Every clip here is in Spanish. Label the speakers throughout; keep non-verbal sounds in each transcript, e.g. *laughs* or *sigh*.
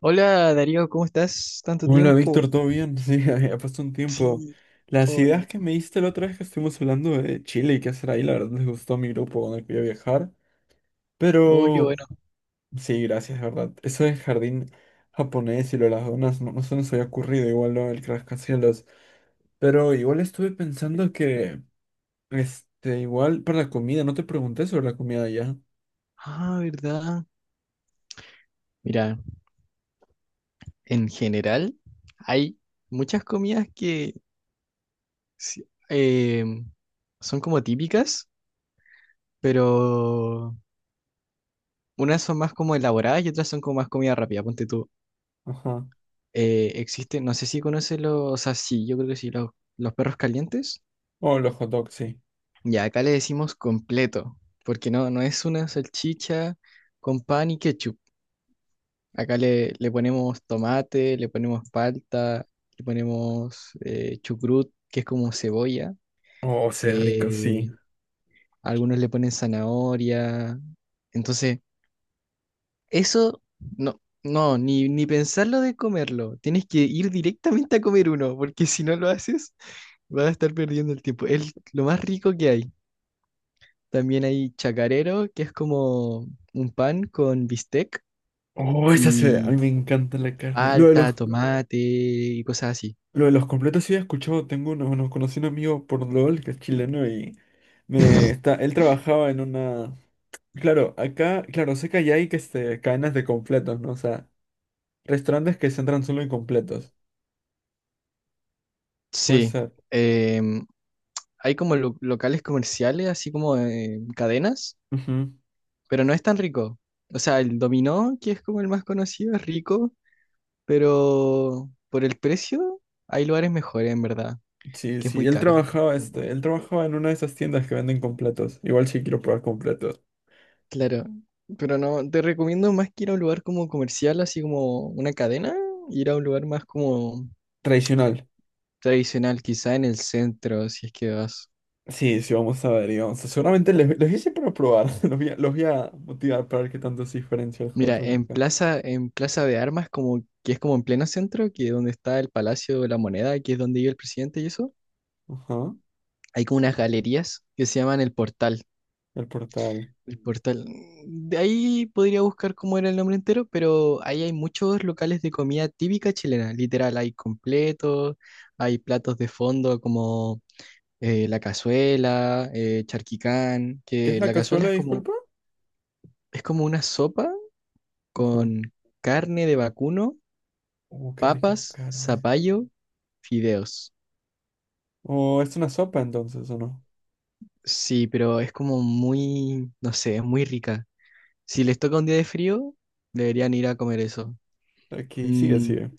Speaker 1: Hola Darío, ¿cómo estás? Tanto
Speaker 2: Hola
Speaker 1: tiempo.
Speaker 2: Víctor, ¿todo bien? Sí, *laughs* ha pasado un tiempo.
Speaker 1: Sí,
Speaker 2: Las
Speaker 1: todo
Speaker 2: ideas
Speaker 1: bien.
Speaker 2: que me diste la otra vez que estuvimos hablando de Chile y qué hacer ahí, la verdad les gustó a mi grupo donde quería viajar.
Speaker 1: Oh, qué
Speaker 2: Pero
Speaker 1: bueno.
Speaker 2: sí, gracias, de verdad. Eso del jardín japonés y lo de las donas, no, no se nos había ocurrido, igual lo del rascacielos. Pero igual estuve pensando que, igual para la comida, no te pregunté sobre la comida allá.
Speaker 1: Ah, ¿verdad? Mira, en general hay muchas comidas que sí, son como típicas, pero unas son más como elaboradas y otras son como más comida rápida. Ponte tú.
Speaker 2: Ajá.
Speaker 1: Existe, no sé si conoces o sea, sí, yo creo que sí, los perros calientes.
Speaker 2: Oh, los hot dogs, sí.
Speaker 1: Ya, acá le decimos completo, porque no es una salchicha con pan y ketchup. Acá le ponemos tomate, le ponemos palta, le ponemos chucrut, que es como cebolla.
Speaker 2: Oh, se ve rico, sí.
Speaker 1: Eh, algunos le ponen zanahoria. Entonces, eso no, no, ni pensarlo de comerlo. Tienes que ir directamente a comer uno, porque si no lo haces, vas a estar perdiendo el tiempo. Es lo más rico que hay. También hay chacarero, que es como un pan con bistec
Speaker 2: Oh, esa se ve. A
Speaker 1: y
Speaker 2: mí me encanta la carne.
Speaker 1: palta, tomate y cosas así.
Speaker 2: Lo de los completos sí he escuchado, tengo uno, bueno, conocí un amigo por LOL que es chileno y me
Speaker 1: *laughs*
Speaker 2: está, él trabajaba en una, claro, acá, claro, sé que allá hay cadenas de completos, ¿no? O sea, restaurantes que se entran solo en completos. Puede
Speaker 1: Sí,
Speaker 2: ser.
Speaker 1: em, hay como locales comerciales, así como cadenas,
Speaker 2: Ujú.
Speaker 1: pero no es tan rico. O sea, el dominó, que es como el más conocido, es rico, pero por el precio hay lugares mejores, en verdad,
Speaker 2: Sí,
Speaker 1: que es
Speaker 2: sí,
Speaker 1: muy caro.
Speaker 2: él trabajaba en una de esas tiendas que venden completos. Igual sí quiero probar completos.
Speaker 1: Claro, pero no, te recomiendo más que ir a un lugar como comercial, así como una cadena, ir a un lugar más como
Speaker 2: Tradicional.
Speaker 1: tradicional, quizá en el centro, si es que vas.
Speaker 2: Sí, sí, vamos a ver, seguramente les, los hice para probar, *laughs* los voy a motivar para ver qué tanto es diferencia el hot
Speaker 1: Mira,
Speaker 2: dog acá.
Speaker 1: En Plaza de Armas, como que es como en pleno centro, que es donde está el Palacio de la Moneda, que es donde vive el presidente y eso,
Speaker 2: Ajá,
Speaker 1: hay como unas galerías que se llaman el Portal.
Speaker 2: el portal.
Speaker 1: El Portal. De ahí podría buscar cómo era el nombre entero, pero ahí hay muchos locales de comida típica chilena, literal, hay completos, hay platos de fondo como la cazuela, charquicán,
Speaker 2: ¿Qué es
Speaker 1: que
Speaker 2: la
Speaker 1: la cazuela
Speaker 2: cazuela, disculpa?
Speaker 1: es como una sopa
Speaker 2: Ajá.
Speaker 1: con carne de vacuno,
Speaker 2: Qué rico con
Speaker 1: papas,
Speaker 2: carne.
Speaker 1: zapallo, fideos.
Speaker 2: Oh, es una sopa entonces, ¿o no?
Speaker 1: Sí, pero es como muy, no sé, es muy rica. Si les toca un día de frío, deberían ir a comer eso.
Speaker 2: Aquí, sigue,
Speaker 1: Mm,
Speaker 2: sigue.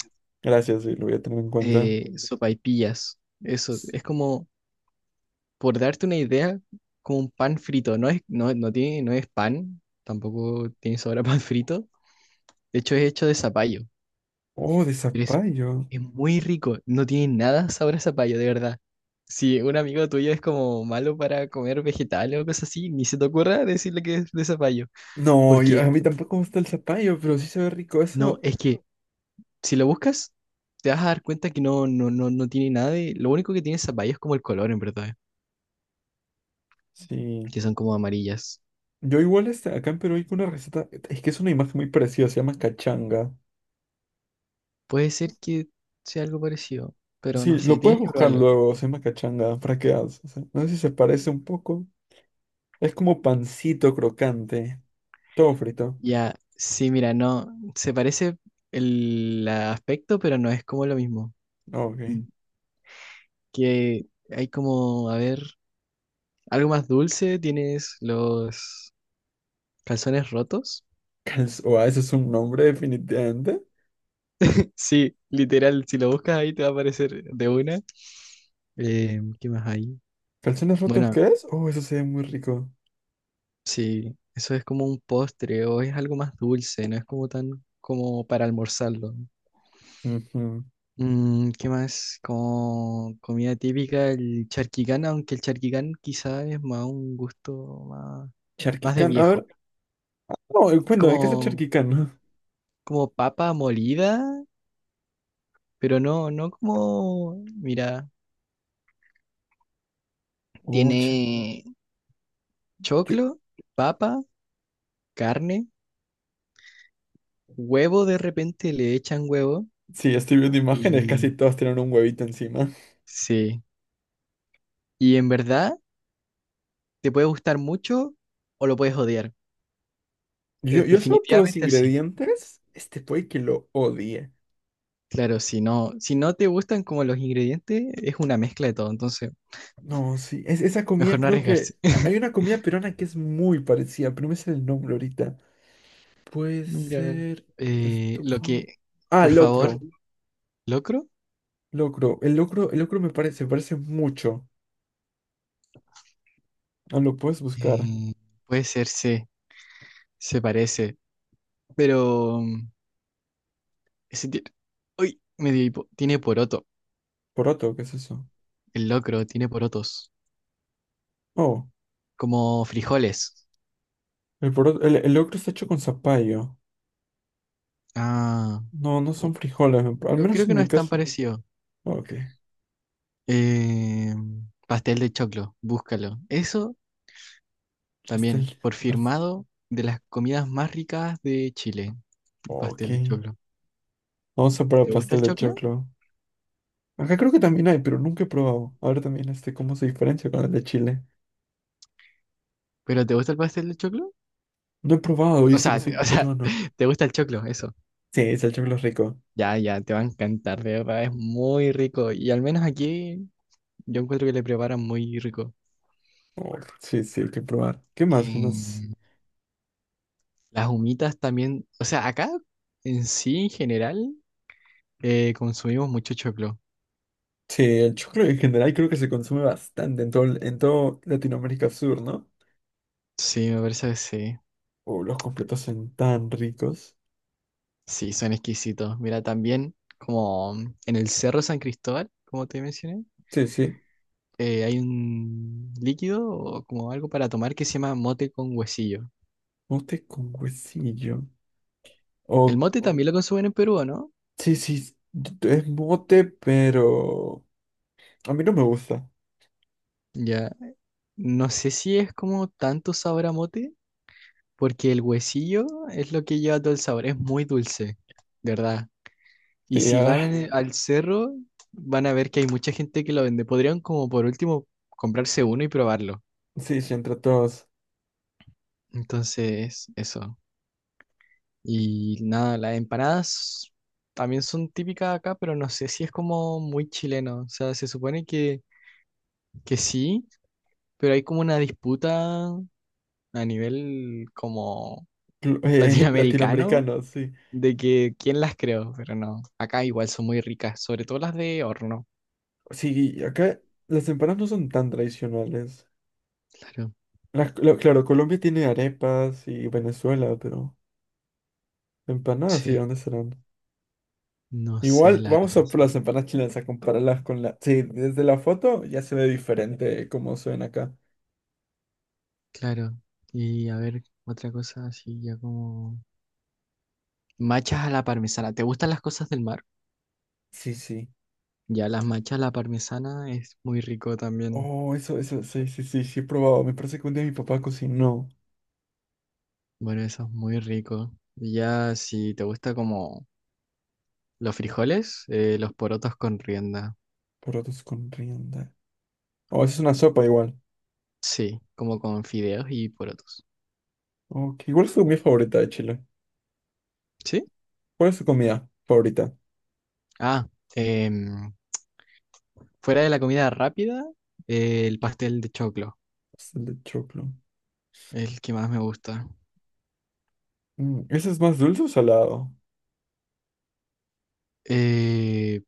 Speaker 2: Gracias, sí, lo voy a tener en cuenta.
Speaker 1: Sopaipillas. Eso, es como, por darte una idea, como un pan frito. No es, no tiene, no es pan, tampoco tiene sabor a pan frito. De hecho, es hecho de zapallo.
Speaker 2: Oh, de
Speaker 1: Pero
Speaker 2: zapallo.
Speaker 1: es muy rico, no tiene nada sabor a zapallo, de verdad. Si un amigo tuyo es como malo para comer vegetales o cosas así, ni se te ocurra decirle que es de zapallo.
Speaker 2: No, a
Speaker 1: Porque
Speaker 2: mí tampoco me gusta el zapallo, pero sí se ve rico
Speaker 1: no,
Speaker 2: eso.
Speaker 1: es que si lo buscas, te vas a dar cuenta que no, no, no, no tiene nada de. Lo único que tiene zapallo es como el color, en verdad,
Speaker 2: Sí.
Speaker 1: que son como amarillas.
Speaker 2: Yo igual acá en Perú hay una receta, es que es una imagen muy parecida, se llama cachanga.
Speaker 1: Puede ser que sea algo parecido, pero no
Speaker 2: Sí,
Speaker 1: sé,
Speaker 2: lo puedes
Speaker 1: tienes que
Speaker 2: buscar
Speaker 1: probarlo.
Speaker 2: luego, se llama cachanga, para que hagas, o sea, no sé si se parece un poco. Es como pancito crocante, todo frito.
Speaker 1: Ya, sí, mira, no, se parece el aspecto, pero no es como lo mismo.
Speaker 2: Ok.
Speaker 1: Que hay como, a ver, algo más dulce, tienes los calzones rotos.
Speaker 2: Calz- o ah, eso es un nombre definitivamente.
Speaker 1: *laughs* Sí, literal, si lo buscas ahí te va a aparecer de una. ¿Qué más hay?
Speaker 2: ¿Calzones rotos
Speaker 1: Bueno,
Speaker 2: qué es? Oh, eso se ve muy rico.
Speaker 1: sí, eso es como un postre o es algo más dulce, no es como tan como para almorzarlo.
Speaker 2: Ujú.
Speaker 1: Mm, ¿qué más? Como comida típica, el charquicán, aunque el charquicán quizá es más un gusto más, más de
Speaker 2: Charquicán, a
Speaker 1: viejo.
Speaker 2: ver. No,
Speaker 1: Es
Speaker 2: cuéntame, ¿qué es el
Speaker 1: como,
Speaker 2: charquicán?
Speaker 1: como papa molida. Pero no, no como, mira,
Speaker 2: *laughs* Oh, char-
Speaker 1: tiene
Speaker 2: yo-
Speaker 1: choclo, papa, carne, huevo, de repente le echan huevo
Speaker 2: Sí, estoy viendo imágenes,
Speaker 1: y
Speaker 2: casi todas tienen un huevito encima.
Speaker 1: sí. Y en verdad te puede gustar mucho o lo puedes odiar. Es
Speaker 2: Yo solo por los
Speaker 1: definitivamente así.
Speaker 2: ingredientes, este puede que lo odie.
Speaker 1: Claro, si no, si no te gustan como los ingredientes, es una mezcla de todo, entonces
Speaker 2: No, esa
Speaker 1: mejor
Speaker 2: comida
Speaker 1: no
Speaker 2: creo
Speaker 1: arriesgarse.
Speaker 2: que...
Speaker 1: *laughs*
Speaker 2: Hay una comida peruana que es muy parecida, pero no me sale el nombre ahorita. Puede
Speaker 1: Mira,
Speaker 2: ser...
Speaker 1: eh,
Speaker 2: Esto...
Speaker 1: lo que,
Speaker 2: Ah,
Speaker 1: por favor,
Speaker 2: locro.
Speaker 1: Locro,
Speaker 2: Locro. El locro me parece, se parece mucho. Ah, lo puedes buscar.
Speaker 1: eh, puede ser, se parece, pero ese tiene. Uy, me dio hipo. Tiene poroto.
Speaker 2: Poroto, ¿qué es eso?
Speaker 1: El locro tiene porotos.
Speaker 2: Oh,
Speaker 1: Como frijoles.
Speaker 2: el poroto, el locro está hecho con zapallo.
Speaker 1: Ah.
Speaker 2: No, no
Speaker 1: uh,
Speaker 2: son frijoles, al menos
Speaker 1: Creo que
Speaker 2: en
Speaker 1: no
Speaker 2: mi
Speaker 1: es tan
Speaker 2: caso.
Speaker 1: parecido.
Speaker 2: Ok,
Speaker 1: Eh, Pastel de choclo. Búscalo. Eso también.
Speaker 2: pastel.
Speaker 1: Por
Speaker 2: pas-
Speaker 1: firmado de las comidas más ricas de Chile. El
Speaker 2: ok,
Speaker 1: pastel de choclo.
Speaker 2: vamos a probar
Speaker 1: ¿Te gusta el
Speaker 2: pastel de
Speaker 1: choclo?
Speaker 2: choclo. Acá creo que también hay, pero nunca he probado. A ver también cómo se diferencia con el de Chile.
Speaker 1: ¿Pero te gusta el pastel de choclo?
Speaker 2: No he probado,
Speaker 1: O
Speaker 2: dice que
Speaker 1: sea,
Speaker 2: soy
Speaker 1: o no, sea,
Speaker 2: peruano.
Speaker 1: *laughs* ¿te gusta el choclo? Eso.
Speaker 2: Sí, es el choclo es rico.
Speaker 1: Ya, ya, te va a encantar, de verdad. Es muy rico. Y al menos aquí yo encuentro que le preparan muy rico.
Speaker 2: Oh, sí, sí, hay que probar. ¿Qué más? ¿Qué más?
Speaker 1: Eh, las humitas también, o sea, acá en sí, en general, consumimos mucho choclo.
Speaker 2: Sí, el choclo en general creo que se consume bastante en todo, en todo Latinoamérica Sur, ¿no?
Speaker 1: Sí, me parece que sí.
Speaker 2: Oh, los completos son tan ricos.
Speaker 1: Sí, son exquisitos. Mira, también como en el Cerro San Cristóbal, como te mencioné,
Speaker 2: Sí, sí.
Speaker 1: hay un líquido o como algo para tomar que se llama mote con huesillo.
Speaker 2: Mote con huesillo.
Speaker 1: El
Speaker 2: O,
Speaker 1: mote oh, también lo consumen en Perú, ¿o ¿no?
Speaker 2: sí, sí, es mote, pero a mí no me gusta.
Speaker 1: Ya, no sé si es como tanto sabor a mote, porque el huesillo es lo que lleva todo el sabor, es muy dulce, de verdad. Y
Speaker 2: Sí,
Speaker 1: si
Speaker 2: ahora,
Speaker 1: van al cerro, van a ver que hay mucha gente que lo vende. Podrían como por último comprarse uno y probarlo.
Speaker 2: *laughs* sí, sí, entre todos.
Speaker 1: Entonces, eso. Y nada, las empanadas también son típicas acá, pero no sé si es como muy chileno. O sea, se supone que sí, pero hay como una disputa a nivel como *laughs*
Speaker 2: *laughs*
Speaker 1: latinoamericano
Speaker 2: Latinoamericanos, sí.
Speaker 1: de que quién las creó, pero no. Acá igual son muy ricas, sobre todo las de horno.
Speaker 2: Sí, acá las empanadas no son tan tradicionales.
Speaker 1: Claro.
Speaker 2: Claro, Colombia tiene arepas y Venezuela, pero empanadas, sí,
Speaker 1: Sí,
Speaker 2: ¿dónde serán?
Speaker 1: no sé,
Speaker 2: Igual,
Speaker 1: la verdad.
Speaker 2: vamos a por las empanadas chilenas a compararlas con la... Sí, desde la foto ya se ve diferente cómo se ven acá.
Speaker 1: Claro. Y a ver, otra cosa así, ya como... Machas a la parmesana. ¿Te gustan las cosas del mar?
Speaker 2: Sí, sí.
Speaker 1: Ya, las machas a la parmesana es muy rico también.
Speaker 2: Oh, sí, sí, sí, sí, he probado. Me parece que un día mi papá cocinó
Speaker 1: Bueno, eso es muy rico. Y ya, si te gusta como los frijoles, los porotos con rienda.
Speaker 2: porotos con rienda. Oh, eso es una sopa igual.
Speaker 1: Sí, como con fideos y porotos.
Speaker 2: Ok, ¿cuál es tu comida favorita de Chile?
Speaker 1: ¿Sí?
Speaker 2: ¿Cuál es tu comida favorita?
Speaker 1: Ah, em, fuera de la comida rápida, el pastel de choclo,
Speaker 2: Pastel de choclo.
Speaker 1: el que más me gusta.
Speaker 2: Mm, ¿ese es más dulce o salado?
Speaker 1: Eh,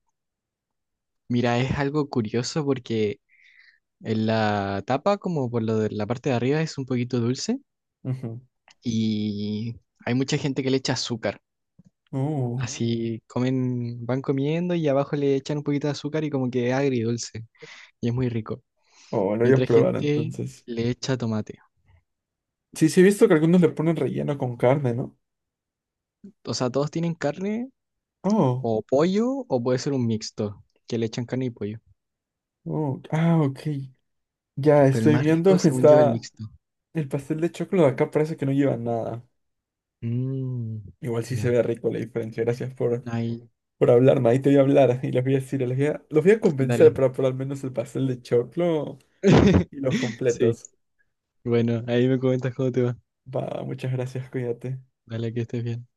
Speaker 1: Mira, es algo curioso porque... En la tapa, como por lo de la parte de arriba, es un poquito dulce
Speaker 2: Ujú.
Speaker 1: y hay mucha gente que le echa azúcar.
Speaker 2: Oh,
Speaker 1: Así comen, van comiendo y abajo le echan un poquito de azúcar y como que es agridulce y es muy rico.
Speaker 2: oh, lo
Speaker 1: Y
Speaker 2: voy a
Speaker 1: otra
Speaker 2: probar
Speaker 1: gente
Speaker 2: entonces.
Speaker 1: le echa tomate.
Speaker 2: Sí, sí, he visto que algunos le ponen relleno con carne, ¿no?
Speaker 1: O sea, todos tienen carne
Speaker 2: Oh,
Speaker 1: o pollo o puede ser un mixto, que le echan carne y pollo.
Speaker 2: oh, ah, ok. Ya
Speaker 1: Pero el
Speaker 2: estoy
Speaker 1: más
Speaker 2: viendo,
Speaker 1: rico,
Speaker 2: *laughs*
Speaker 1: según yo, es el bueno.
Speaker 2: está
Speaker 1: Mixto.
Speaker 2: el pastel de choclo de acá parece que no lleva nada.
Speaker 1: Mm,
Speaker 2: Igual sí se
Speaker 1: ya.
Speaker 2: ve rico la diferencia.
Speaker 1: Ahí,
Speaker 2: Por hablarme. Ahí te voy a hablar y les voy a decir, los voy a convencer
Speaker 1: dale.
Speaker 2: para por al menos el pastel de choclo
Speaker 1: *laughs*
Speaker 2: y los
Speaker 1: Sí,
Speaker 2: completos.
Speaker 1: bueno, ahí me comentas cómo te va.
Speaker 2: Va, muchas gracias, cuídate.
Speaker 1: Dale, que estés bien.